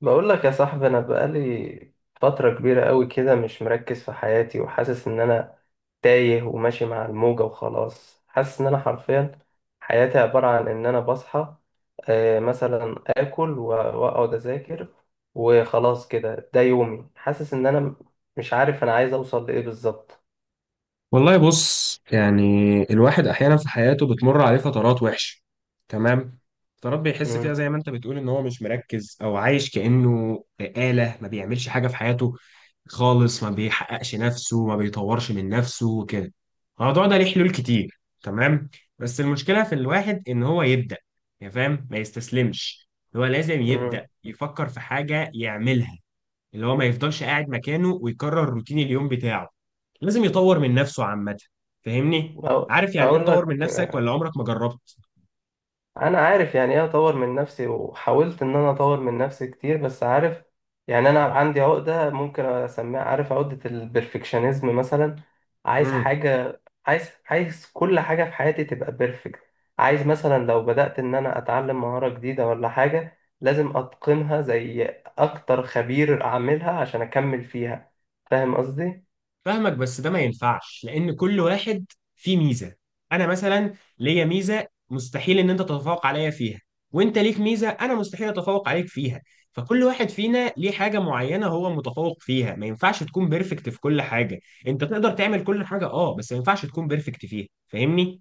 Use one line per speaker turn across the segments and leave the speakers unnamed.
بقول لك يا صاحبي، انا بقالي فترة كبيرة قوي كده مش مركز في حياتي، وحاسس ان انا تايه وماشي مع الموجة وخلاص. حاسس ان انا حرفيا حياتي عبارة عن ان انا بصحى، مثلا اكل واقعد اذاكر وخلاص كده. ده يومي. حاسس ان مش عارف انا عايز اوصل لايه بالظبط.
والله بص، يعني الواحد احيانا في حياته بتمر عليه فترات وحشه. تمام. فترات بيحس فيها
مم،
زي ما انت بتقول ان هو مش مركز او عايش كانه آلة، ما بيعملش حاجه في حياته خالص، ما بيحققش نفسه، ما بيطورش من نفسه وكده. الموضوع ده ليه حلول كتير، تمام. بس المشكله في الواحد ان هو يبدا، يعني فاهم، ما يستسلمش. هو لازم يبدا
مم.
يفكر في حاجه يعملها، اللي هو ما يفضلش قاعد مكانه ويكرر روتين اليوم بتاعه. لازم يطور من نفسه عامة. فاهمني؟
أو-
عارف يعني ايه
اقول لك.
تطور من نفسك ولا عمرك ما جربت؟
انا عارف يعني ايه اطور من نفسي، وحاولت ان انا اطور من نفسي كتير، بس عارف يعني انا عندي عقدة ممكن اسميها، عارف، عقدة البرفكشنزم مثلا. عايز
امم،
حاجة، عايز كل حاجة في حياتي تبقى بيرفكت. عايز مثلا لو بدأت ان انا اتعلم مهارة جديدة ولا حاجة، لازم اتقنها زي اكتر خبير اعملها عشان اكمل فيها. فاهم قصدي؟
فاهمك، بس ده ما ينفعش، لأن كل واحد فيه ميزة. أنا مثلا ليا ميزة مستحيل إن أنت تتفوق عليا فيها، وأنت ليك ميزة أنا مستحيل أتفوق عليك فيها. فكل واحد فينا ليه حاجة معينة هو متفوق فيها، ما ينفعش تكون بيرفكت في كل حاجة. أنت تقدر تعمل كل حاجة، أه، بس ما ينفعش تكون بيرفكت فيها، فاهمني؟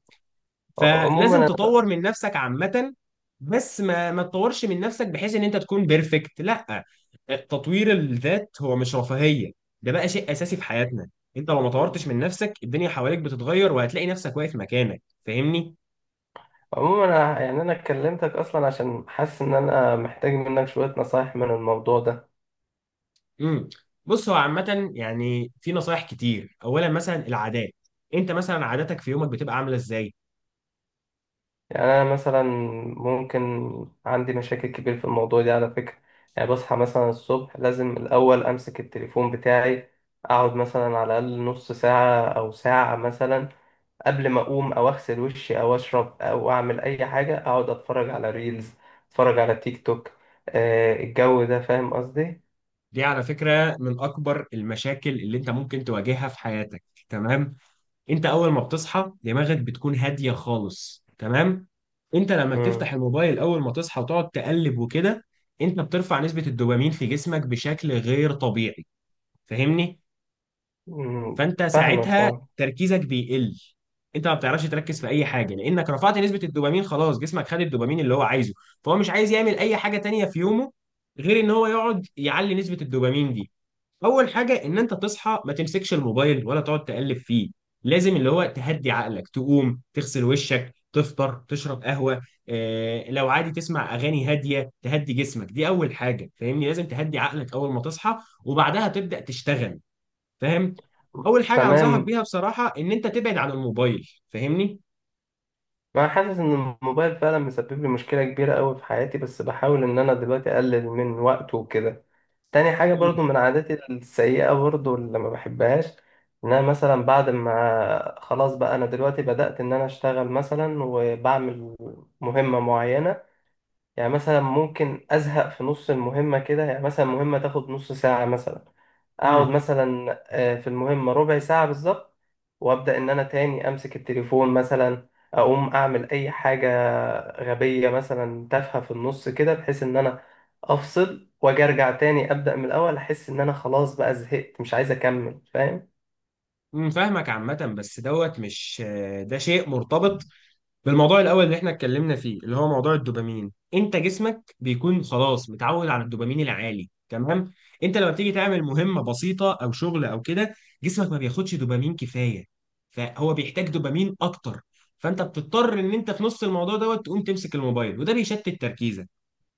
فلازم
عموما
تطور من نفسك عامة، بس ما تطورش من نفسك بحيث ان انت تكون بيرفكت، لا. تطوير الذات هو مش رفاهية، ده بقى شيء اساسي في حياتنا. انت لو ما
أنا-
طورتش من نفسك، الدنيا حواليك بتتغير، وهتلاقي نفسك واقف مكانك. فاهمني؟
عموما أنا، يعني أنا كلمتك أصلا عشان حاسس إن أنا محتاج منك شوية نصايح من الموضوع ده.
امم. بص، هو عامة يعني في نصايح كتير. اولا مثلا العادات. انت مثلا عاداتك في يومك بتبقى عاملة ازاي؟
يعني أنا مثلا، ممكن، عندي مشاكل كبير في الموضوع ده على فكرة. يعني بصحى مثلا الصبح، لازم الأول أمسك التليفون بتاعي، أقعد مثلا على الأقل نص ساعة أو ساعة مثلا قبل ما أقوم أو أغسل وشي أو أشرب أو أعمل أي حاجة. أقعد أتفرج على ريلز، أتفرج على تيك توك، الجو ده. فاهم قصدي؟
دي على فكرة من اكبر المشاكل اللي انت ممكن تواجهها في حياتك. تمام. انت اول ما بتصحى، دماغك بتكون هاديه خالص. تمام. انت لما
مم.
بتفتح الموبايل اول ما تصحى وتقعد تقلب وكده، انت بترفع نسبه الدوبامين في جسمك بشكل غير طبيعي، فاهمني.
مم.
فانت
فاهمك،
ساعتها
اه.
تركيزك بيقل. انت ما بتعرفش تركز في اي حاجه، لانك رفعت نسبه الدوبامين، خلاص جسمك خد الدوبامين اللي هو عايزه، فهو مش عايز يعمل اي حاجه تانية في يومه غير ان هو يقعد يعلي نسبه الدوبامين دي. اول حاجه، ان انت تصحى ما تمسكش الموبايل ولا تقعد تقلب فيه. لازم اللي هو تهدي عقلك، تقوم تغسل وشك، تفطر، تشرب قهوه، آه لو عادي تسمع اغاني هاديه تهدي جسمك. دي اول حاجه، فاهمني، لازم تهدي عقلك اول ما تصحى، وبعدها تبدا تشتغل، فاهم؟ اول حاجه انصحك
تمام.
بيها بصراحه ان انت تبعد عن الموبايل، فاهمني.
ما حاسس ان الموبايل فعلا مسبب لي مشكله كبيره قوي في حياتي، بس بحاول ان انا دلوقتي اقلل من وقته وكده. تاني حاجه برضو من عاداتي السيئه برضو اللي ما بحبهاش، ان انا مثلا بعد ما خلاص بقى انا دلوقتي بدأت ان انا اشتغل مثلا، وبعمل مهمه معينه، يعني مثلا ممكن أزهق في نص المهمة كده. يعني مثلا مهمة تاخد نص ساعة مثلا، أقعد
امم
مثلا في المهمة ربع ساعة بالظبط، وأبدأ إن أنا تاني أمسك التليفون مثلا، أقوم أعمل أي حاجة غبية مثلا تافهة في النص كده، بحيث إن أنا أفصل وأجي أرجع تاني أبدأ من الأول، أحس إن أنا خلاص بقى زهقت، مش عايز أكمل. فاهم؟
فاهمك عامه، بس دوت مش ده شيء مرتبط بالموضوع الاول اللي احنا اتكلمنا فيه، اللي هو موضوع الدوبامين. انت جسمك بيكون خلاص متعود على الدوبامين العالي. تمام. انت لما بتيجي تعمل مهمه بسيطه او شغل او كده، جسمك ما بياخدش دوبامين كفايه، فهو بيحتاج دوبامين اكتر. فانت بتضطر ان انت في نص الموضوع دوت تقوم تمسك الموبايل، وده بيشتت تركيزك.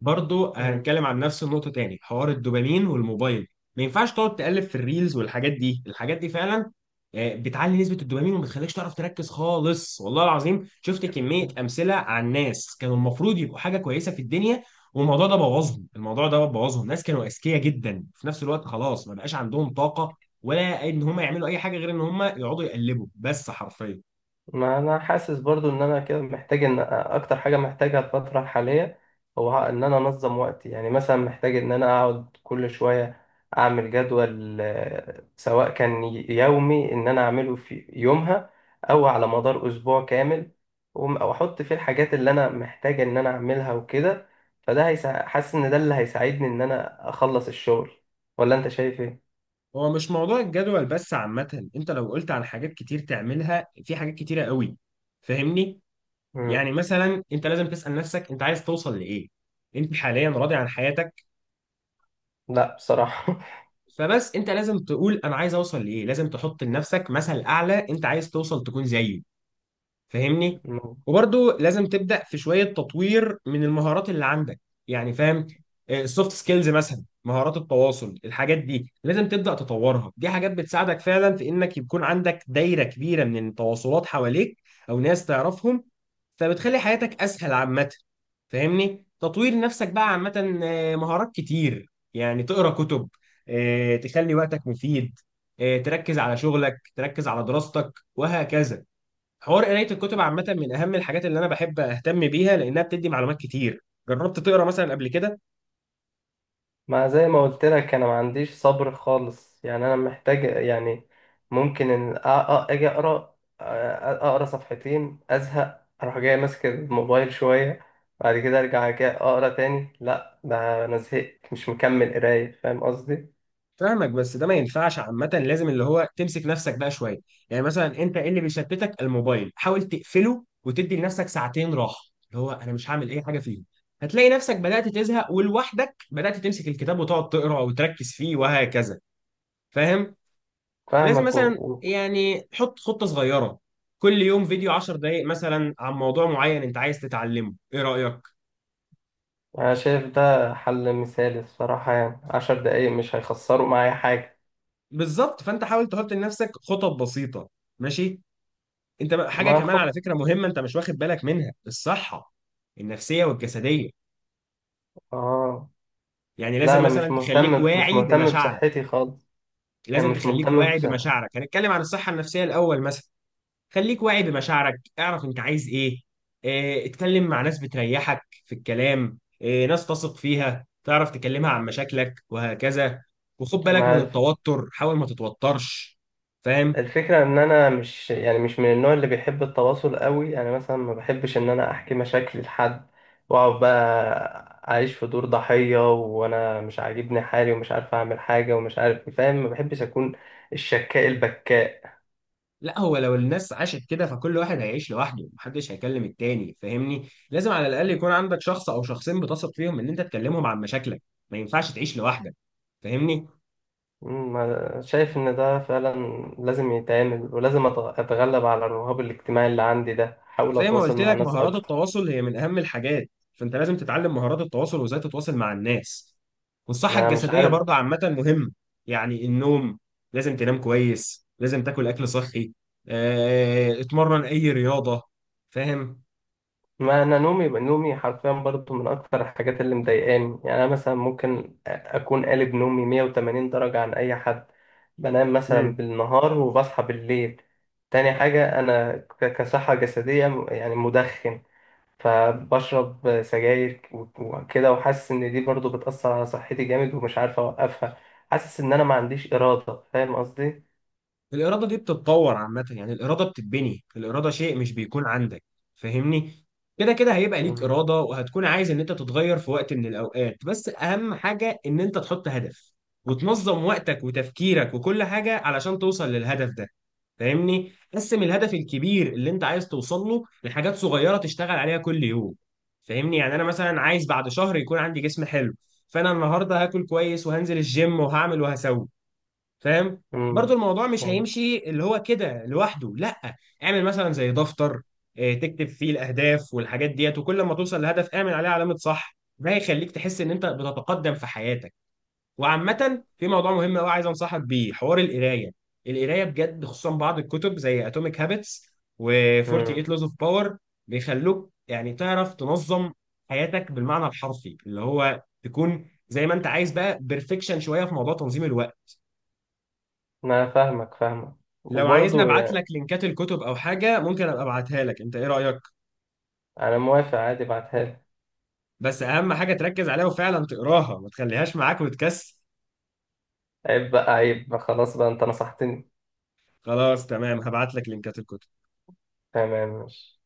برضو هنتكلم عن نفس النقطة تاني، حوار الدوبامين والموبايل. ما ينفعش تقعد تقلب في الريلز والحاجات دي، الحاجات دي فعلا بتعلي نسبة الدوبامين وما بتخليكش تعرف تركز خالص. والله العظيم شفت كمية
مم.
أمثلة عن ناس كانوا المفروض يبقوا حاجة كويسة في الدنيا، والموضوع ده بوظهم. الموضوع ده بوظهم ناس كانوا أذكياء جدا، في نفس الوقت خلاص ما بقاش عندهم طاقة، ولا إن هم يعملوا أي حاجة غير إن هم يقعدوا يقلبوا بس، حرفيا.
ما انا حاسس برضو ان انا كده محتاج، ان اكتر حاجه محتاجها الفتره الحاليه هو ان انا انظم وقتي. يعني مثلا محتاج ان انا اقعد كل شويه اعمل جدول، سواء كان يومي ان انا اعمله في يومها، او على مدار اسبوع كامل، واحط فيه الحاجات اللي انا محتاج ان انا اعملها وكده. فده حاسس ان ده اللي هيساعدني ان انا اخلص الشغل. ولا انت شايف ايه؟
هو مش موضوع الجدول بس، عامة انت لو قلت عن حاجات كتير تعملها، في حاجات كتيرة قوي، فاهمني.
مم.
يعني مثلا انت لازم تسأل نفسك انت عايز توصل لإيه. انت حاليا راضي عن حياتك؟
لا بصراحه.
فبس انت لازم تقول انا عايز اوصل لإيه. لازم تحط لنفسك مثل اعلى انت عايز توصل تكون زيه، فاهمني. وبرضو لازم تبدأ في شوية تطوير من المهارات اللي عندك، يعني فاهم. السوفت سكيلز مثلا، مهارات التواصل، الحاجات دي لازم تبدأ تطورها. دي حاجات بتساعدك فعلا في انك يكون عندك دايرة كبيرة من التواصلات حواليك، او ناس تعرفهم، فبتخلي حياتك اسهل عامة، فاهمني. تطوير نفسك بقى عامة مهارات كتير، يعني تقرا كتب، تخلي وقتك مفيد، تركز على شغلك، تركز على دراستك، وهكذا. حوار قراية الكتب عامة من أهم الحاجات اللي أنا بحب أهتم بيها، لأنها بتدي معلومات كتير. جربت تقرا مثلا قبل كده؟
ما زي ما قلت لك، انا ما عنديش صبر خالص، يعني انا محتاج، يعني ممكن ان اجي اقرا، اقرا صفحتين ازهق اروح جاي ماسك الموبايل شويه، بعد كده ارجع كده اقرا تاني. لا، ده انا زهقت، مش مكمل قرايه. فاهم قصدي؟
فاهمك، بس ده ما ينفعش عامة. لازم اللي هو تمسك نفسك بقى شوية. يعني مثلا أنت إيه اللي بيشتتك؟ الموبايل، حاول تقفله وتدي لنفسك ساعتين راحة، اللي هو أنا مش هعمل أي حاجة فيهم. هتلاقي نفسك بدأت تزهق، ولوحدك بدأت تمسك الكتاب وتقعد تقرا وتركز فيه وهكذا، فاهم؟ لازم
فاهمك.
مثلا، يعني حط خطة صغيرة، كل يوم فيديو 10 دقايق مثلا عن موضوع معين أنت عايز تتعلمه. إيه رأيك؟
انا شايف ده حل مثالي الصراحه. يعني عشر دقايق مش هيخسروا معايا حاجه.
بالظبط. فانت حاول تحط لنفسك خطط بسيطه. ماشي. انت بقى- حاجه
ما
كمان على
خد.
فكره مهمه انت مش واخد بالك منها، الصحه النفسيه والجسديه.
اه.
يعني
لا،
لازم
انا مش
مثلا تخليك
مهتم مش
واعي
مهتم
بمشاعرك.
بصحتي خالص. يعني
لازم
مش
تخليك
مهتم.
واعي بمشاعرك. هنتكلم عن الصحه النفسيه الاول مثلا. خليك واعي بمشاعرك، اعرف انت عايز ايه. اه، اتكلم مع ناس بتريحك في الكلام. اه، ناس تثق فيها، تعرف تكلمها عن مشاكلك وهكذا. وخد بالك من
بس
التوتر، حاول ما تتوترش. فاهم؟
الفكرة ان انا مش، يعني مش من النوع اللي بيحب التواصل قوي، يعني مثلا ما بحبش ان انا احكي مشاكلي لحد واقعد بقى اعيش في دور ضحية، وانا مش عاجبني حالي ومش عارف اعمل حاجة ومش عارف إيه، فاهم؟ ما بحبش اكون الشكاء البكاء.
لا، هو لو الناس عاشت كده، فكل واحد هيعيش لوحده، محدش هيكلم التاني، فاهمني. لازم على الاقل يكون عندك شخص او شخصين بتثق فيهم ان انت تكلمهم عن مشاكلك. ما ينفعش تعيش لوحدك، فاهمني.
شايف ان ده فعلا لازم يتعمل، ولازم اتغلب على الرهاب الاجتماعي اللي عندي ده، احاول
وزي ما
اتواصل
قلت
مع
لك،
ناس
مهارات
اكتر.
التواصل هي من اهم الحاجات. فانت لازم تتعلم مهارات التواصل وازاي تتواصل مع الناس. والصحة
ما مش
الجسدية
عارف.
برضه عامة مهمة. يعني النوم، لازم تنام كويس، لازم تاكل أكل صحي، اتمرن أي رياضة، فاهم؟
ما انا نومي، نومي حرفيا برضو من اكتر الحاجات اللي مضايقاني. يعني انا مثلا ممكن اكون قالب نومي 180 درجة عن اي حد، بنام مثلا بالنهار وبصحى بالليل. تاني حاجة، انا كصحة جسدية، يعني مدخن، فبشرب سجاير وكده، وحاسس ان دي برضو بتأثر على صحتي جامد ومش عارف اوقفها. حاسس ان انا ما عنديش إرادة. فاهم قصدي؟
الإرادة دي بتتطور عامة. يعني الإرادة بتتبني، الإرادة شيء مش بيكون عندك، فاهمني. كده كده هيبقى ليك
مم.
إرادة، وهتكون عايز إن أنت تتغير في وقت من الأوقات. بس أهم حاجة إن أنت تحط هدف وتنظم وقتك وتفكيرك وكل حاجة علشان توصل للهدف ده، فاهمني. قسم الهدف الكبير اللي أنت عايز توصل له لحاجات صغيرة تشتغل عليها كل يوم، فاهمني. يعني أنا مثلا عايز بعد شهر يكون عندي جسم حلو، فأنا النهاردة هاكل كويس وهنزل الجيم وهعمل وهسوي، فاهم؟
امم
برضو الموضوع مش
يعني.
هيمشي اللي هو كده لوحده، لا. اعمل مثلا زي دفتر، تكتب فيه الاهداف والحاجات ديت، وكل ما توصل لهدف اعمل عليه علامة صح. ده هيخليك تحس ان انت بتتقدم في حياتك. وعامة، في موضوع مهم قوي عايز انصحك بيه، حوار القراية. القراية بجد، خصوصا بعض الكتب زي اتوميك هابتس
امم
و48 لوز اوف باور، بيخلوك يعني تعرف تنظم حياتك بالمعنى الحرفي، اللي هو تكون زي ما انت عايز بقى، بيرفكشن شوية في موضوع تنظيم الوقت.
انا فاهمك فاهمك،
لو عايزني
وبرضه
ابعت لك لينكات الكتب او حاجه ممكن ابقى ابعتها لك، انت ايه رايك؟
انا موافق، عادي، ابعتها لي.
بس اهم حاجه تركز عليها وفعلا تقراها، ما تخليهاش معاك وتكسل.
عيب بقى، عيب بقى، خلاص بقى انت نصحتني.
خلاص، تمام، هبعت لك لينكات الكتب.
تمام، ماشي.